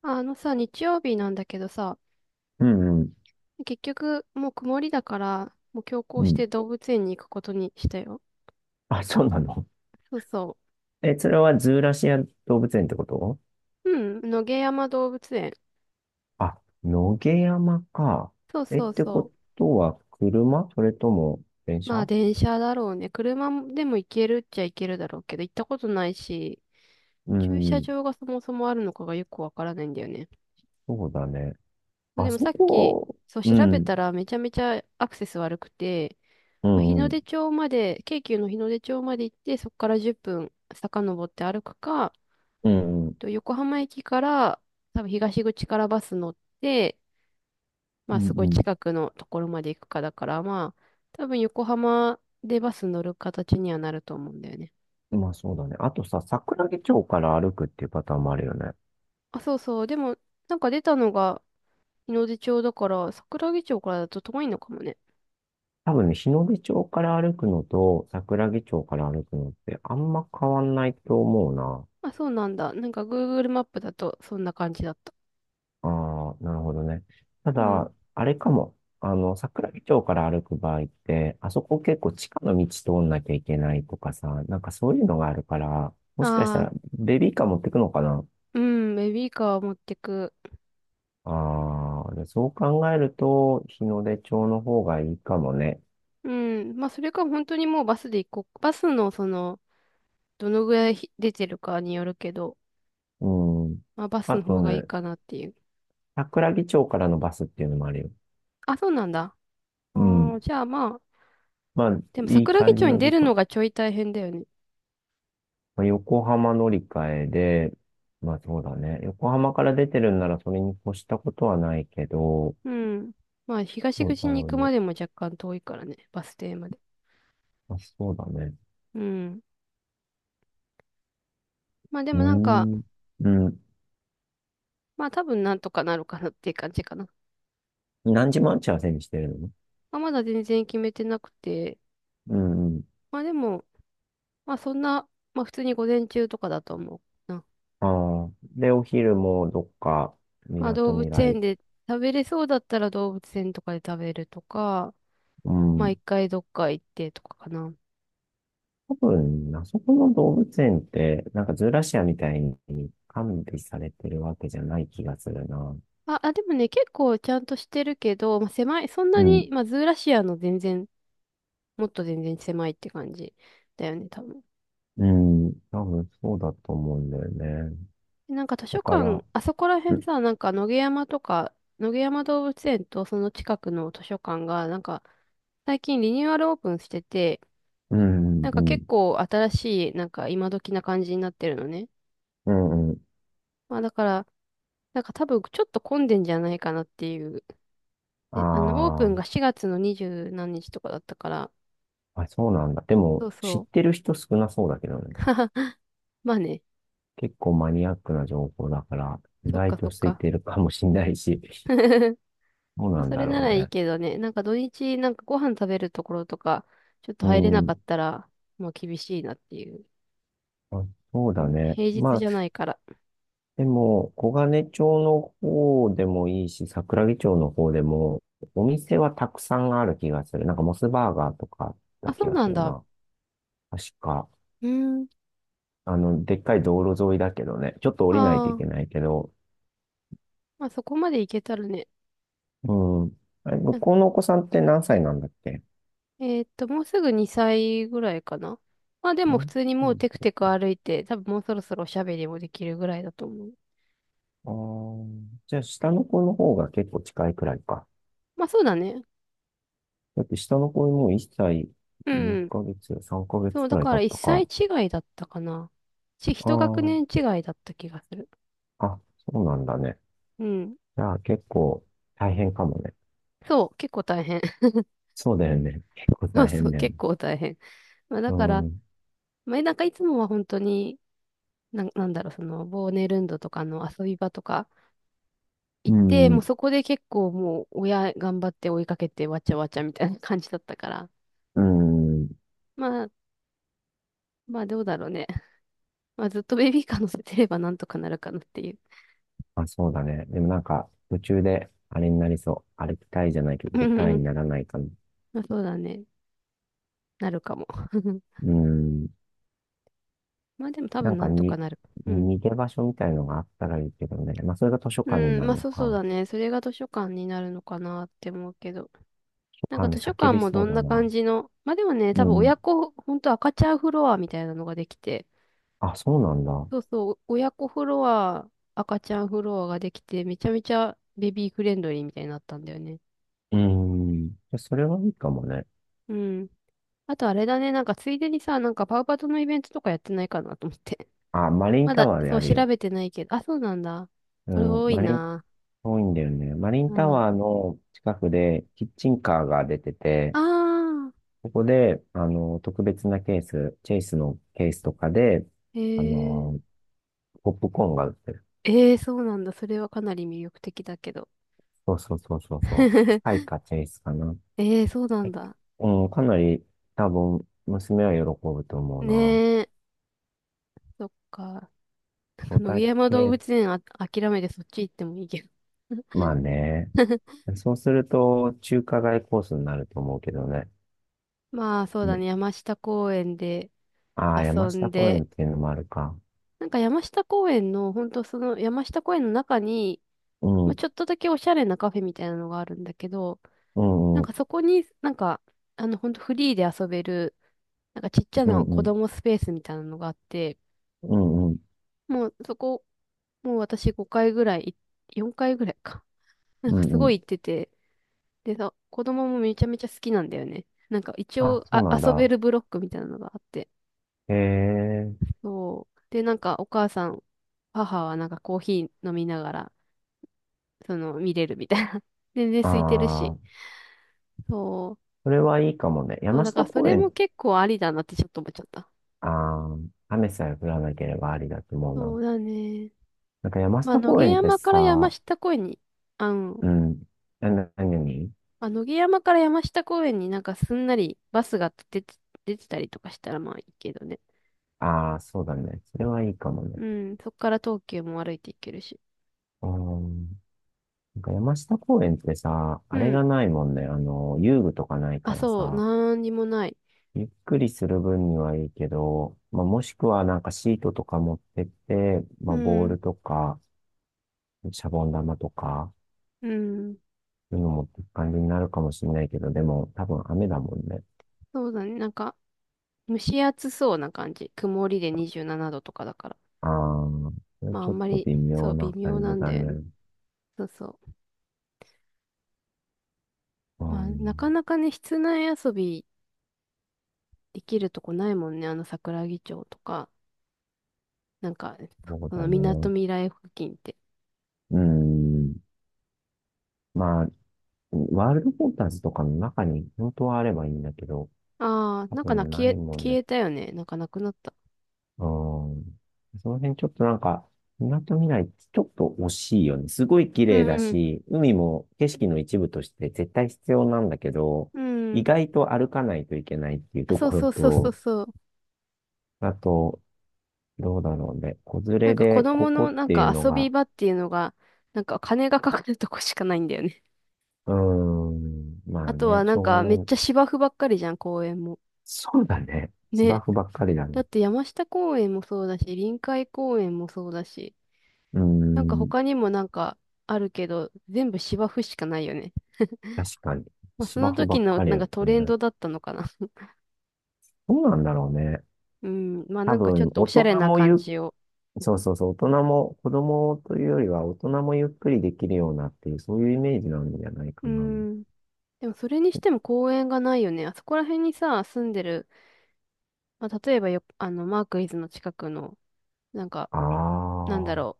あのさ、日曜日なんだけどさ、うんうん、結局もう曇りだから、もう強行うしてん。動物園に行くことにしたよ。あ、そうなの？そうそえ、それはズーラシア動物園ってこと？う。うん、野毛山動物園。あ、野毛山か。そうえ、っそうてこそとは車それとも電う。まあ車？電車だろうね。車でも行けるっちゃ行けるだろうけど、行ったことないし、う駐車ん、場がそもそもあるのかがよくわからないんだよね。そうだね。そうあでもそさっき、こ、そうう調べたん、らめちゃめちゃアクセス悪くて、うまあ日ん、のう出ん、町まで、京急の日の出町まで行って、そこから10分遡って歩くか、うん、うん、と、横浜駅から、多分東口からバス乗って、まうんあすうんうんうごんいうん近くのところまで行くかだから、まあ多分横浜でバス乗る形にはなると思うんだよね。うん。まあそうだね。あとさ、桜木町から歩くっていうパターンもあるよね。あ、そうそう。でも、なんか出たのが日の出町だから、桜木町からだと遠いのかもね。多分ね、日の出町から歩くのと桜木町から歩くのってあんま変わんないと思うな。あ、そうなんだ。なんか Google マップだとそんな感じだった。ああ、なるほどね。たうん。だ、あれかも。桜木町から歩く場合って、あそこ結構地下の道通んなきゃいけないとかさ、なんかそういうのがあるから、もしかしたああ、らベビーカー持ってくのかな？うん、ベビーカーを持ってく。ああ、でそう考えると、日の出町の方がいいかもね。うん。まあそれか本当にもうバスで行こう。バスのその、どのぐらいひ出てるかによるけど、うん。まあ、バスあのと方がいいね、かなっていう。桜木町からのバスっていうのもあるよ。あ、そうなんだ。あうーん。じゃあまあ、まあ、でもいい桜木感じ町にの出時る間。のがちょい大変だよね。まあ、横浜乗り換えで、まあそうだね。横浜から出てるんならそれに越したことはないけど、うん。まあ、東どう口だにろう行くね。までも若干遠いからね、バス停まで。まあ、そうだね。うん。まあでうーもなんか、ん。うん。まあ多分なんとかなるかなっていう感じかな。何時待ち合わせにしてるの？まあ、まだ全然決めてなくて、うんうん。まあでも、まあそんな、まあ普通に午前中とかだと思うな。ああ。で、お昼もどっか、みまあな動とみ物ら園い。で食べれそうだったら動物園とかで食べるとか、うまあん。一回どっか行ってとかかな。多分、あそこの動物園って、なんかズーラシアみたいに管理されてるわけじゃない気がするな。あ、あ、でもね、結構ちゃんとしてるけど、まあ、狭い、そんうなに、ん。まあ、ズーラシアの全然、もっと全然狭いって感じだよね、多分。うん。多分そうだと思うんだよね。なんか図だ書から、館、あそこら辺さ、なんか野毛山とか、野毛山動物園とその近くの図書館が、なんか最近リニューアルオープンしてて、うんなんうかんう結ん構新しい、なんか今時な感じになってるのね。うんうん。まあだから、なんか多分ちょっと混んでんじゃないかなっていう。であの、オープあンあが4月の2十何日とかだったから、ー、あ、そうなんだ。でそも、う知っそてる人少なそうだけどう。ね。まあね。結構マニアックな情報だから、意そっか外とそっ空いか。てるかもしんないし、どうまあなんそだれなろらういいね。けどね、なんか土日なんかご飯食べるところとか、ちょっとう入れなかっん。たら、まあ厳しいなっていう。あ、そうだんね。平日まあ、じゃないから。でも、黄金町の方でもいいし、桜木町の方でも、お店はたくさんある気がする。なんかモスバーガーとかあったあ、気そうがすなんるだ。な。確か、うん。でっかい道路沿いだけどね。ちょっと降りないとあいあ、けないけど、まあそこまでいけたらね。うん。あれ、向うん。こうのお子さんって何歳なんだっけ？もうすぐ2歳ぐらいかな。まあでうも普ん、通にそもうテクうテクそ歩いて、多分もうそろそろおしゃべりもできるぐらいだと思う。う。ああ、じゃあ、下の子の方が結構近いくらいか。まあそうだね。だって下の子もう1歳うん。2ヶ月、3ヶそ月う、くだらいか経らっ1た歳か。違いだったかな。一学あ年違いだった気がする。ああ、そうなんだね。うん。じゃあ、結構大変かもね。そう、結構大変。そうだよね。結構そう大そ変う、だよね。結構大変。まあ、だうから、ん。まあ、なんかいつもは本当に、なんだろう、その、ボーネルンドとかの遊び場とかう行って、もうん。そこで結構もう親頑張って追いかけてわちゃわちゃみたいな感じだったから、うん。まあ、まあどうだろうね。まあずっとベビーカー乗せてればなんとかなるかなっていう。あ、そうだね。でもなんか、途中であれになりそう。歩きたいじゃないけ ど、うん出うんたういん。にならないかな。まあそうだね。なるかも。うん。まあでも多な分んなかんとかに、なる。うん。逃げ場所みたいのがあったらいいけどね。まあ、それが図書う館にん、なるまあのそうそうか。図だね。それが図書館になるのかなって思うけど。書なんか館で図書叫館びもそどうんだなな。感じの、まあでもね、う多分ん。親子、ほんと赤ちゃんフロアみたいなのができて、あ、そうなんだ。そうそう、親子フロア、赤ちゃんフロアができて、めちゃめちゃベビーフレンドリーみたいになったんだよね。うん。じゃそれはいいかもね。うん。あとあれだね、なんかついでにさ、なんかパウパトのイベントとかやってないかなと思って。あ、マ リンまタだ、ワーでそあう、る調よ。べてないけど、あ、そうなんだ。うこれん。多いマリン、な。遠いんだよね。マリンうタん。ワーの近くでキッチンカーが出てて、あここで、特別なケース、チェイスのケースとかで、ーえあー、の、ポップコーンが売ってる。そうなんだ。それはかなり魅力的だけど。そうそうそうそう そう。スカイかチェイスかな。はえー、そうなんい、だ。うん、かなり多分、娘は喜ぶと思うな。ね、そっか。お 野毛た山動け、物園、あ、諦めてそっち行ってもいいけど。まあね。そうすると、中華街コースになると思うけどね。まあそううだん、ね、山下公園でああ、山遊ん下公園で、っていうのもあるか。なんか山下公園の、ほんとその山下公園の中に、うまあ、ん、ちょっとだけおしゃれなカフェみたいなのがあるんだけど、うなん、んうかん、そこになんか、あのほんとフリーで遊べる、なんかちっちゃうん、なう子ん、供スペースみたいなのがあって、うん、もうそこ、もう私5回ぐらい、よんかい、4回ぐらいか。なんうかすん、うごん。い行ってて、でさ、子供もめちゃめちゃ好きなんだよね。なんか一あ、応そうあ、なん遊べだ。るブロックみたいなのがあって。へえ、そう。で、なんかお母さん、母はなんかコーヒー飲みながら、その、見れるみたいな。全然あ空いてるし。あ、そう。それはいいかもね。そう、山だか下らそ公れも園、結構ありだなってちょっと思っちゃった。ああ、雨さえ降らなければありだと思うそな。うだね。なんか山まあ、下野公毛園って山から山さ、下公園に、あの、うん、何？まあ、野毛山から山下公園になんかすんなりバスが出て、出てたりとかしたらまあいいけどね。ああ、そうだね。それはいいかもね。うん、そっから東急も歩いていけるし。うーん。なんか山下公園ってさ、うあれん。がないもんね。遊具とかないあ、からそう、さ、なんにもない。ゆっくりする分にはいいけど、まあ、もしくはなんかシートとか持ってって、まうあ、ボーん、ルとか、シャボン玉とか、うん。そういうの持っていく感じになるかもしれないけど、でも多分雨だもんね。そうだね。なんか、蒸し暑そうな感じ。曇りで27度とかだから。ああ、それまあ、あちょんっまとり、微妙そう、微な妙感なじんだだよね。ね。そうそう。うまあ、なかん、なかね、室内遊びできるとこないもんね。あの、桜木町とか、なんか、そうそだの、みなとね。みらい付近って。うん。まあ、ワールドフォターズとかの中に本当はあればいいんだけど、ああ、多なんかな、分ないもん消ね。えたよね。なんかなくなった。うん。その辺ちょっとなんか、港未来ってちょっと惜しいよね。すごい綺う麗ん、だうん、し、海も景色の一部として絶対必要なんだけど、う意ん。外と歩かないといけないっていうあ、とそうころそうそうそうと、そう。あと、どうだろうね。子連なんれか子でこ供このっなんていうかの遊びが、場っていうのが、なんか金がかかるとこしかないんだよね。うーん、まああとはね、なしんょうがかなめっい。ちゃ芝生ばっかりじゃん、公園も。そうだね。芝ね。生ばっかりだだね。って山下公園もそうだし、臨海公園もそうだし、うーなんかん。他にもなんかあるけど、全部芝生しかないよね。確かに。まあそ芝の生ば時っのかりなんやかトるんレンだ。ドだったのかな。どうなんだろうね。うん。まあ多なんかちょっ分、とお大しゃ人れなも感じを。そうそうそう、大人も、子供というよりは大人もゆっくりできるようなっていう、そういうイメージなんじゃないかうな。ん。でもそれにしても公園がないよね。あそこら辺にさ、住んでる、まあ例えばよ、あの、マークイズの近くの、なんか、あなんだろ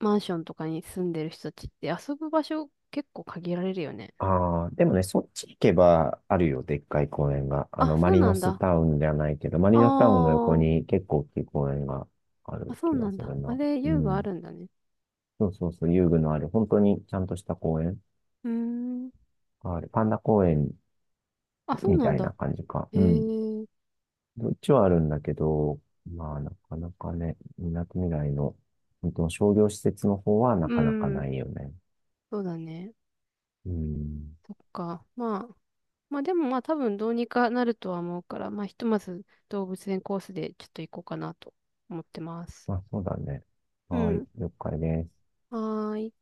う、マンションとかに住んでる人たちって遊ぶ場所結構限られるよね。あ、ああ、でもね、そっち行けばあるよ、でっかい公園が。あ、マそうリなノんスだ。タウンじゃないけど、マリあノスタウンの横ー、に結構大きい公園がああ、るそ気うながんすだ。るあな。れ、う遊具あん。るんだね。そうそうそう、遊具のある、本当にちゃんとした公園うーん。がある。パンダ公園あ、そうみなたんいなだ。感じか。えうん。ー、どっちはあるんだけど、まあ、なかなかね、みなとみらいの、本当の商業施設の方はなうかなかん。ないよね。そうだね。うん。そっか。まあ、まあでもまあ多分どうにかなるとは思うから、まあひとまず動物園コースでちょっと行こうかなと思ってます。まあ、そうだね。うはい、ん。了解です。はーい。